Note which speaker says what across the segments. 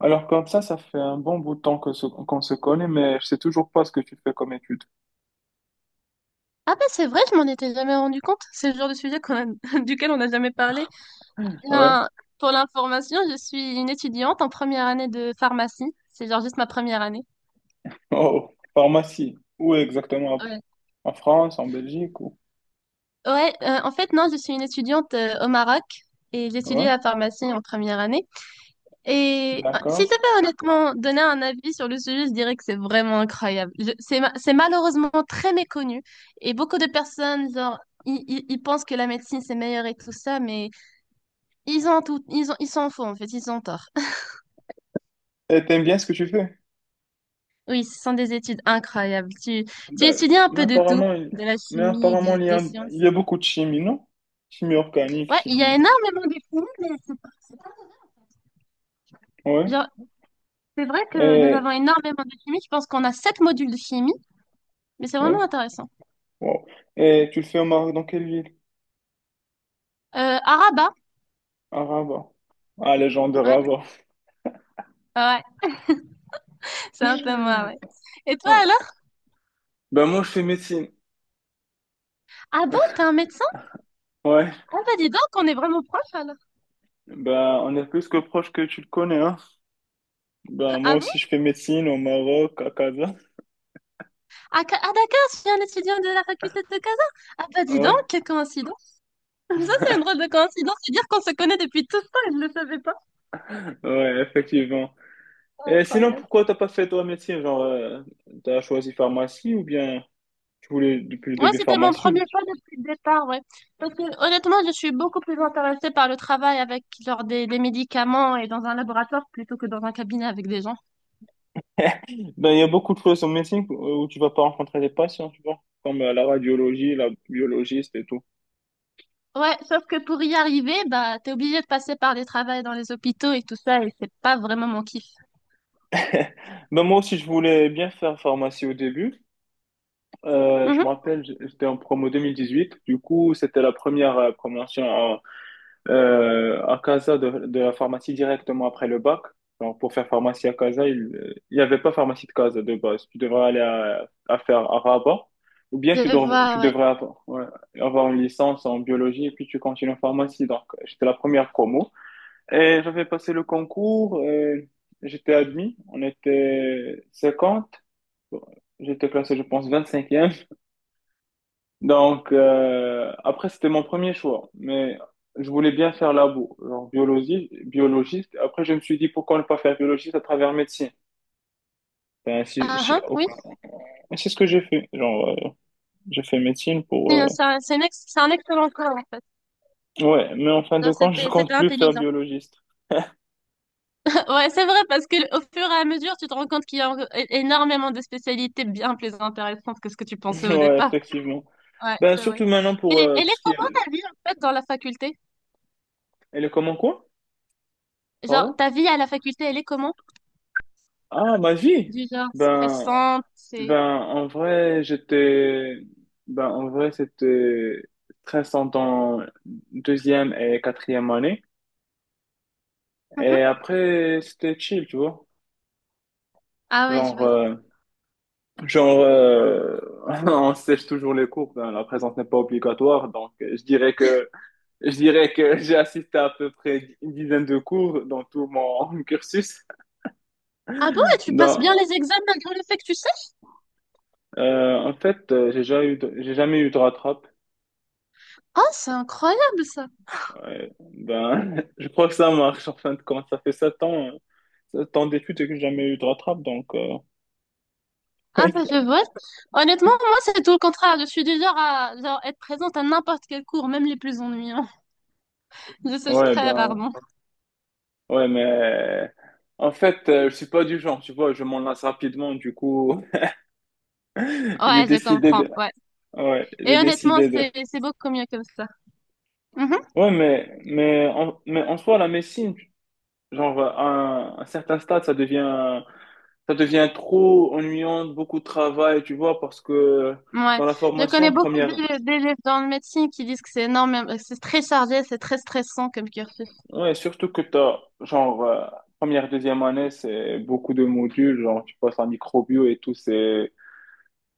Speaker 1: Alors comme ça fait un bon bout de temps que qu'on se connaît, mais je sais toujours pas ce que tu fais comme étude.
Speaker 2: Ah ben c'est vrai, je m'en étais jamais rendu compte. C'est le genre de sujet duquel on n'a jamais parlé. Eh
Speaker 1: Ouais.
Speaker 2: bien, pour l'information, je suis une étudiante en première année de pharmacie. C'est genre juste ma première année.
Speaker 1: Oh, pharmacie. Où exactement?
Speaker 2: Ouais.
Speaker 1: En France, en Belgique ou...
Speaker 2: Ouais, en fait, non, je suis une étudiante au Maroc et j'étudie
Speaker 1: Ouais,
Speaker 2: la pharmacie en première année. Et si je
Speaker 1: d'accord.
Speaker 2: devais honnêtement donner un avis sur le sujet, je dirais que c'est vraiment incroyable. C'est malheureusement très méconnu et beaucoup de personnes, genre, ils pensent que la médecine c'est meilleur et tout ça, mais... Ils ont tout, ils ont, ils s'en font, en fait, ils ont tort.
Speaker 1: Et t'aimes bien ce que tu fais?
Speaker 2: Oui, ce sont des études incroyables. Tu
Speaker 1: D'accord.
Speaker 2: étudies un peu de tout, de la
Speaker 1: Mais
Speaker 2: chimie,
Speaker 1: apparemment,
Speaker 2: des
Speaker 1: il
Speaker 2: sciences.
Speaker 1: y a beaucoup de chimie, non? Chimie organique,
Speaker 2: Ouais, il y a
Speaker 1: chimie.
Speaker 2: énormément de chimie, mais c'est pas-
Speaker 1: Ouais.
Speaker 2: genre, c'est vrai que nous
Speaker 1: Et...
Speaker 2: avons énormément de chimie. Je pense qu'on a sept modules de chimie, mais c'est vraiment
Speaker 1: Ouais.
Speaker 2: intéressant.
Speaker 1: Wow. Et tu le fais au Maroc dans quelle ville?
Speaker 2: Araba,
Speaker 1: À Rabat. Ah, les gens de
Speaker 2: ouais,
Speaker 1: Rabat.
Speaker 2: ouais, c'est un peu moi, ouais. Et toi
Speaker 1: Ouais.
Speaker 2: alors?
Speaker 1: Ben moi, je fais médecine.
Speaker 2: Ah bon, t'es un médecin?
Speaker 1: Ouais.
Speaker 2: Ah bah dis donc, on est vraiment proches alors.
Speaker 1: Ben, on est plus que proche que tu le connais, hein. Ben, moi
Speaker 2: Ah bon?
Speaker 1: aussi, je fais médecine au Maroc, à Casa.
Speaker 2: Ah, d'accord, je suis un étudiant de la faculté de Casa. Ah bah dis donc,
Speaker 1: Ouais,
Speaker 2: quelle coïncidence. Ça, c'est une drôle de coïncidence. C'est-à-dire qu'on se connaît depuis tout le temps et je ne le savais pas.
Speaker 1: ouais, effectivement.
Speaker 2: C'est
Speaker 1: Et sinon,
Speaker 2: incroyable.
Speaker 1: pourquoi t'as pas fait toi médecine? Genre, t'as choisi pharmacie ou bien tu voulais depuis le
Speaker 2: Ouais,
Speaker 1: début
Speaker 2: c'était mon premier
Speaker 1: pharmacie?
Speaker 2: choix depuis le départ, ouais. Parce que honnêtement, je suis beaucoup plus intéressée par le travail avec genre des médicaments et dans un laboratoire plutôt que dans un cabinet avec des gens.
Speaker 1: Ben, il y a beaucoup de choses en médecine où tu vas pas rencontrer des patients, tu vois, comme la radiologie, la biologiste et tout.
Speaker 2: Ouais, sauf que pour y arriver, bah, t'es obligé de passer par des travails dans les hôpitaux et tout ça et c'est pas vraiment mon kiff.
Speaker 1: Ben, moi aussi, je voulais bien faire pharmacie au début.
Speaker 2: Mhm.
Speaker 1: Je me rappelle, j'étais en promo 2018. Du coup, c'était la première promotion à Casa de la pharmacie directement après le bac. Donc, pour faire pharmacie à Casa, il n'y avait pas pharmacie de Casa de base. Tu devrais aller à faire à Rabat ou bien
Speaker 2: Je
Speaker 1: tu, dev-
Speaker 2: vois,
Speaker 1: tu
Speaker 2: ouais.
Speaker 1: devrais avoir, ouais, avoir une licence en biologie et puis tu continues en pharmacie. Donc, j'étais la première promo et j'avais passé le concours. J'étais admis. On était 50. J'étais classé, je pense, 25e. Donc, après, c'était mon premier choix, mais je voulais bien faire labo, genre biologie, biologiste. Après, je me suis dit, pourquoi ne pas faire biologiste à travers médecine? Ben,
Speaker 2: Ah, hein, oui.
Speaker 1: c'est ce que j'ai fait. Genre, j'ai fait médecine pour...
Speaker 2: C'est c'est un excellent choix, en fait.
Speaker 1: Ouais, mais en fin de
Speaker 2: Genre,
Speaker 1: compte, je
Speaker 2: c'était,
Speaker 1: compte
Speaker 2: c'était
Speaker 1: plus faire
Speaker 2: intelligent.
Speaker 1: biologiste.
Speaker 2: Ouais, c'est vrai, parce que au fur et à mesure, tu te rends compte qu'il y a encore énormément de spécialités bien plus intéressantes que ce que tu pensais au
Speaker 1: Ouais,
Speaker 2: départ.
Speaker 1: effectivement.
Speaker 2: Ouais,
Speaker 1: Ben,
Speaker 2: c'est vrai.
Speaker 1: surtout maintenant pour
Speaker 2: Et elle
Speaker 1: tout
Speaker 2: est
Speaker 1: ce qui
Speaker 2: comment
Speaker 1: est...
Speaker 2: ta vie, en fait, dans la faculté?
Speaker 1: Elle est comment quoi?
Speaker 2: Genre,
Speaker 1: Pardon?
Speaker 2: ta vie à la faculté, elle est comment?
Speaker 1: Ah, ma vie!
Speaker 2: Du genre
Speaker 1: Ben,
Speaker 2: stressante,
Speaker 1: Ben,
Speaker 2: c'est...
Speaker 1: en vrai, j'étais, ben, en vrai, c'était très centre en deuxième et quatrième année. Et
Speaker 2: Mhm.
Speaker 1: après, c'était chill, tu vois.
Speaker 2: Ah ouais, je
Speaker 1: Genre,
Speaker 2: vois.
Speaker 1: euh, genre, on sèche toujours les cours, ben, la présence n'est pas obligatoire. Donc, je dirais que j'ai assisté à peu près une dizaine de cours dans tout mon cursus.
Speaker 2: Ah bon, et tu passes bien
Speaker 1: Donc,
Speaker 2: les examens malgré le fait que tu sèches?
Speaker 1: en fait, j'ai jamais eu de rattrape.
Speaker 2: Ah, c'est incroyable, ça.
Speaker 1: Ouais, ben, je crois que ça marche en fin de compte. Ça fait 7 ans, 7 ans d'études et que j'ai jamais eu de rattrape, donc
Speaker 2: Ah bah, je vois. Honnêtement, moi, c'est tout le contraire. Je suis du genre à genre, être présente à n'importe quel cours, même les plus ennuyants. Je sèche
Speaker 1: Ouais,
Speaker 2: très
Speaker 1: ben,
Speaker 2: rarement.
Speaker 1: ouais, mais en fait, je suis pas du genre, tu vois, je m'en lasse rapidement, du coup, j'ai
Speaker 2: Ouais, je
Speaker 1: décidé
Speaker 2: comprends.
Speaker 1: de,
Speaker 2: Ouais.
Speaker 1: ouais,
Speaker 2: Et
Speaker 1: j'ai
Speaker 2: honnêtement,
Speaker 1: décidé de,
Speaker 2: c'est beaucoup mieux comme ça. Mhm.
Speaker 1: ouais, mais, mais en soi, la médecine, genre, à un certain stade, ça devient trop ennuyant, beaucoup de travail, tu vois, parce que
Speaker 2: Ouais.
Speaker 1: dans la
Speaker 2: Je connais
Speaker 1: formation,
Speaker 2: beaucoup
Speaker 1: première.
Speaker 2: d'élèves dans le médecine qui disent que c'est énorme, c'est très chargé, c'est très stressant comme cursus.
Speaker 1: Ouais, surtout que t'as, genre, première, deuxième année, c'est beaucoup de modules, genre, tu passes en microbio et tout, c'est,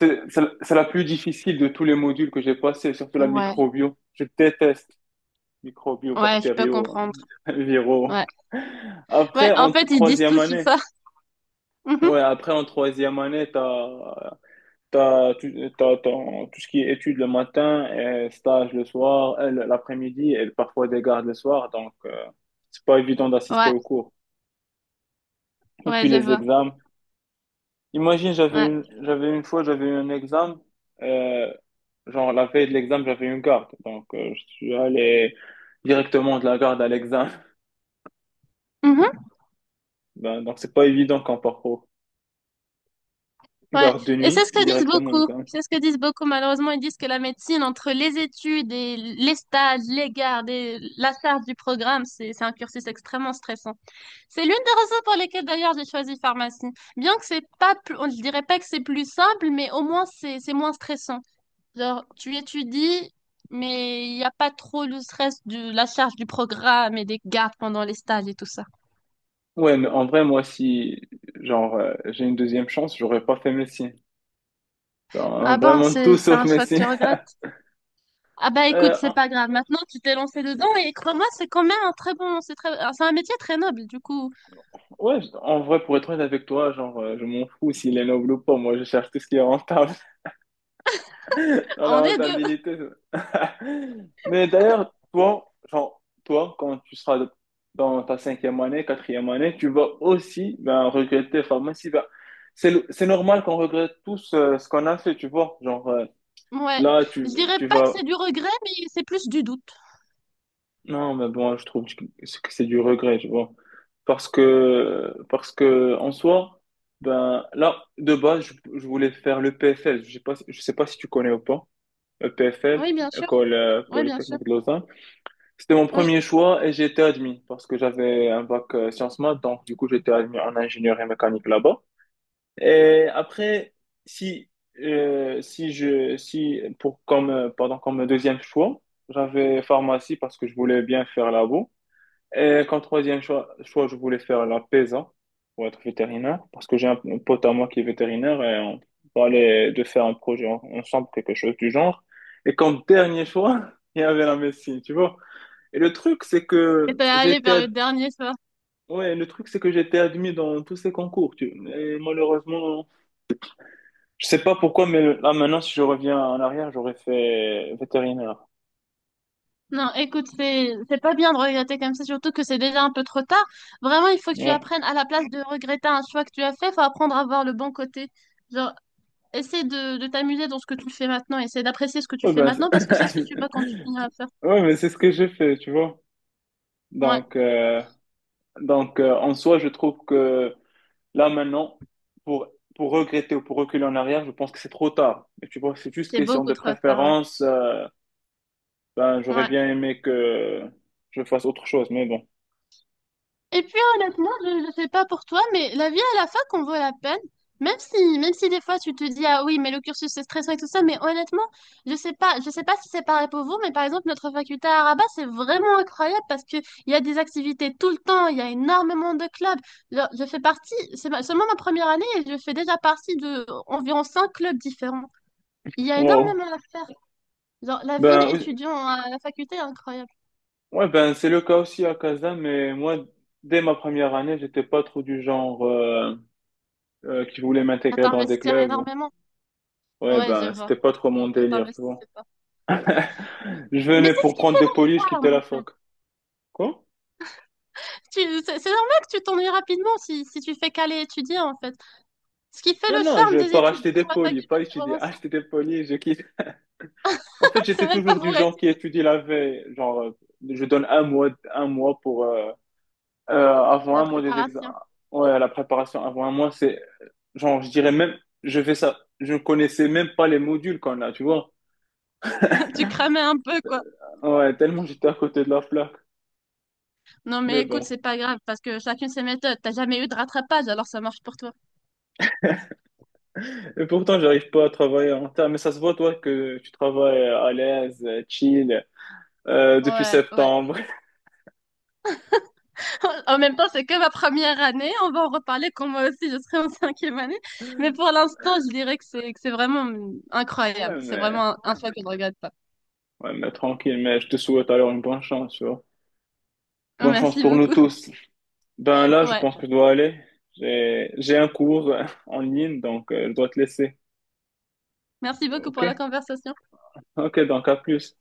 Speaker 1: c'est, c'est la c'est la plus difficile de tous les modules que j'ai passé, surtout la
Speaker 2: Ouais.
Speaker 1: microbio. Je déteste microbio,
Speaker 2: Ouais, je peux
Speaker 1: bactériaux,
Speaker 2: comprendre.
Speaker 1: viraux.
Speaker 2: Ouais. Ouais,
Speaker 1: Après,
Speaker 2: en
Speaker 1: en
Speaker 2: fait, ils disent
Speaker 1: troisième
Speaker 2: tous
Speaker 1: année,
Speaker 2: ça.
Speaker 1: ouais,
Speaker 2: Mhm.
Speaker 1: après, en troisième année, t'as, t'as, tu- t'as, ton- tout ce qui est études le matin, et stage le soir, et l'après-midi, et parfois des gardes le soir, donc, c'est pas évident d'assister
Speaker 2: Ouais.
Speaker 1: aux cours. Et
Speaker 2: Ouais,
Speaker 1: puis
Speaker 2: je
Speaker 1: les
Speaker 2: vois.
Speaker 1: examens. Imagine, j'avais
Speaker 2: Ouais.
Speaker 1: une, j'avais une fois, j'avais eu un examen, euh, genre la veille de l'examen, j'avais une garde. Donc, je suis allé directement de la garde à l'examen.
Speaker 2: Mhm.
Speaker 1: Ben, donc, c'est pas évident quand parcours
Speaker 2: Ouais.
Speaker 1: garde de
Speaker 2: Et c'est
Speaker 1: nuit,
Speaker 2: ce que disent
Speaker 1: directement à
Speaker 2: beaucoup.
Speaker 1: l'examen.
Speaker 2: C'est ce que disent beaucoup, malheureusement. Ils disent que la médecine, entre les études et les stages, les gardes et la charge du programme, c'est un cursus extrêmement stressant. C'est l'une des raisons pour lesquelles d'ailleurs j'ai choisi pharmacie. Bien que c'est pas plus, on ne dirait pas que c'est plus simple, mais au moins c'est moins stressant. Genre, tu étudies, mais il n'y a pas trop le stress de la charge du programme et des gardes pendant les stages et tout ça.
Speaker 1: Ouais, mais en vrai, moi, si, genre, j'ai une deuxième chance, j'aurais pas fait Messi. Genre,
Speaker 2: Ah bon,
Speaker 1: vraiment tout
Speaker 2: c'est
Speaker 1: sauf
Speaker 2: un choix que
Speaker 1: Messi.
Speaker 2: tu regrettes. Ah bah écoute,
Speaker 1: Euh,
Speaker 2: c'est
Speaker 1: en-
Speaker 2: pas grave. Maintenant, tu t'es lancé dedans et crois-moi, c'est quand même un très bon, c'est très, c'est un métier très noble. Du coup,
Speaker 1: ouais, en vrai, pour être honnête avec toi, genre, je m'en fous s'il est noble ou pas. Moi, je cherche tout ce qui est rentable, dans la
Speaker 2: on est deux.
Speaker 1: rentabilité. Mais d'ailleurs, toi, genre, toi, quand tu seras dans ta cinquième année, quatrième année, tu vas aussi, ben, regretter. Enfin, moi, si. Ben, c'est, c'est normal qu'on regrette tous ce qu'on a fait, tu vois. Genre,
Speaker 2: Ouais,
Speaker 1: là,
Speaker 2: je
Speaker 1: tu,
Speaker 2: dirais
Speaker 1: tu
Speaker 2: pas que
Speaker 1: vas...
Speaker 2: c'est du regret, mais c'est plus du doute.
Speaker 1: Non, mais bon, je trouve que c'est du regret, tu vois. Parce que en soi, ben, là, de base, je voulais faire le PFL. Je sais pas si tu connais ou pas. Le
Speaker 2: Oui,
Speaker 1: PFL,
Speaker 2: bien sûr.
Speaker 1: École
Speaker 2: Oui, bien sûr.
Speaker 1: Polytechnique de Lausanne. C'était mon
Speaker 2: Oui.
Speaker 1: premier choix et j'ai été admis parce que j'avais un bac sciences maths, donc du coup j'étais admis en ingénierie mécanique là-bas. Et après, si, si je, si pour comme, pardon, comme deuxième choix, j'avais pharmacie parce que je voulais bien faire labo. Et comme troisième choix, je voulais faire la PESA pour être vétérinaire parce que j'ai un pote à moi qui est vétérinaire et on parlait de faire un projet ensemble, quelque chose du genre. Et comme dernier choix, il y avait la médecine, tu vois. Et le truc, c'est
Speaker 2: Et
Speaker 1: que
Speaker 2: t'es allé
Speaker 1: j'étais,
Speaker 2: vers le dernier soir.
Speaker 1: ouais, le truc, c'est que j'étais admis dans tous ces concours. Tu... Et malheureusement, je sais pas pourquoi, mais là maintenant, si je reviens en arrière, j'aurais fait vétérinaire.
Speaker 2: Non, écoute, c'est pas bien de regretter comme ça, surtout que c'est déjà un peu trop tard. Vraiment, il faut que tu
Speaker 1: Ouais.
Speaker 2: apprennes à la place de regretter un choix que tu as fait, faut apprendre à voir le bon côté. Genre, essaie de t'amuser dans ce que tu fais maintenant, essaie d'apprécier ce que tu
Speaker 1: Ouais,
Speaker 2: fais
Speaker 1: ben,
Speaker 2: maintenant parce que c'est ce que tu vas continuer à faire.
Speaker 1: ouais, mais c'est ce que j'ai fait, tu vois.
Speaker 2: Ouais,
Speaker 1: Donc, en soi, je trouve que là maintenant, pour pour regretter ou pour reculer en arrière, je pense que c'est trop tard. Et tu vois, c'est juste
Speaker 2: c'est
Speaker 1: question
Speaker 2: beaucoup
Speaker 1: de
Speaker 2: trop tard, ouais.
Speaker 1: préférence. Ben, j'aurais
Speaker 2: Ouais.
Speaker 1: bien aimé que je fasse autre chose, mais bon.
Speaker 2: Et puis honnêtement, je ne sais pas pour toi, mais la vie à la fac en vaut la peine. Même si des fois tu te dis, ah oui, mais le cursus c'est stressant et tout ça, mais honnêtement, je sais pas si c'est pareil pour vous, mais par exemple, notre faculté à Rabat, c'est vraiment incroyable parce que il y a des activités tout le temps, il y a énormément de clubs. Genre, je fais partie, seulement ma première année et je fais déjà partie de environ 5 clubs différents. Il y a
Speaker 1: Wow.
Speaker 2: énormément à faire. Genre, la vie
Speaker 1: Ben, oui.
Speaker 2: d'étudiant à la faculté est incroyable.
Speaker 1: Ouais, ben, c'est le cas aussi à Kazan, mais moi, dès ma première année, j'étais pas trop du genre qui voulait
Speaker 2: À
Speaker 1: m'intégrer dans des
Speaker 2: t'investir
Speaker 1: clubs.
Speaker 2: énormément.
Speaker 1: Ouais,
Speaker 2: Ouais, je
Speaker 1: ben,
Speaker 2: vois.
Speaker 1: c'était pas trop mon
Speaker 2: Tu
Speaker 1: délire, tu
Speaker 2: t'investis.
Speaker 1: vois.
Speaker 2: Ouais. Mais
Speaker 1: Je venais
Speaker 2: c'est ce
Speaker 1: pour
Speaker 2: qui
Speaker 1: prendre des polis, je
Speaker 2: parle,
Speaker 1: quittais la
Speaker 2: en
Speaker 1: fac.
Speaker 2: fait.
Speaker 1: Quoi?
Speaker 2: C'est normal que tu t'ennuies rapidement si tu fais qu'aller étudier, en fait. Ce qui fait
Speaker 1: Non,
Speaker 2: le
Speaker 1: non,
Speaker 2: charme
Speaker 1: je
Speaker 2: des
Speaker 1: pars
Speaker 2: études
Speaker 1: acheter des
Speaker 2: sur la
Speaker 1: polis,
Speaker 2: faculté,
Speaker 1: pas
Speaker 2: c'est
Speaker 1: étudier.
Speaker 2: vraiment ça.
Speaker 1: Acheter des polis, je quitte. En fait,
Speaker 2: C'est
Speaker 1: j'étais
Speaker 2: même pas
Speaker 1: toujours du
Speaker 2: pour
Speaker 1: genre qui
Speaker 2: étudier,
Speaker 1: étudie la veille. Genre, je donne un mois pour, avant
Speaker 2: la
Speaker 1: un mois des
Speaker 2: préparation.
Speaker 1: examens. Ouais, la préparation avant un mois, c'est... Genre, je dirais même, je fais ça, je ne connaissais même pas les modules qu'on a, tu vois.
Speaker 2: Tu cramais un peu, quoi.
Speaker 1: Ouais, tellement j'étais à côté de la plaque.
Speaker 2: Non, mais
Speaker 1: Mais
Speaker 2: écoute,
Speaker 1: bon.
Speaker 2: c'est pas grave, parce que chacune ses méthodes. T'as jamais eu de rattrapage, alors ça marche pour toi.
Speaker 1: Et pourtant, j'arrive pas à travailler en terre. Mais ça se voit, toi, que tu travailles à l'aise, chill, depuis
Speaker 2: Ouais, ouais.
Speaker 1: septembre.
Speaker 2: En même temps, c'est que ma première année. On va en reparler quand moi aussi, je serai en cinquième année. Mais pour l'instant, je dirais que c'est vraiment incroyable.
Speaker 1: Ouais,
Speaker 2: C'est
Speaker 1: mais,
Speaker 2: vraiment un choix que je ne regrette pas.
Speaker 1: ouais, mais tranquille. Mais je te souhaite alors une bonne chance, tu vois. Bonne chance
Speaker 2: Merci
Speaker 1: pour nous
Speaker 2: beaucoup.
Speaker 1: tous. Ben là, je
Speaker 2: Ouais.
Speaker 1: pense que je dois aller. J'ai un cours en ligne, donc je dois te laisser.
Speaker 2: Merci beaucoup pour la
Speaker 1: Ok?
Speaker 2: conversation.
Speaker 1: Ok, donc à plus.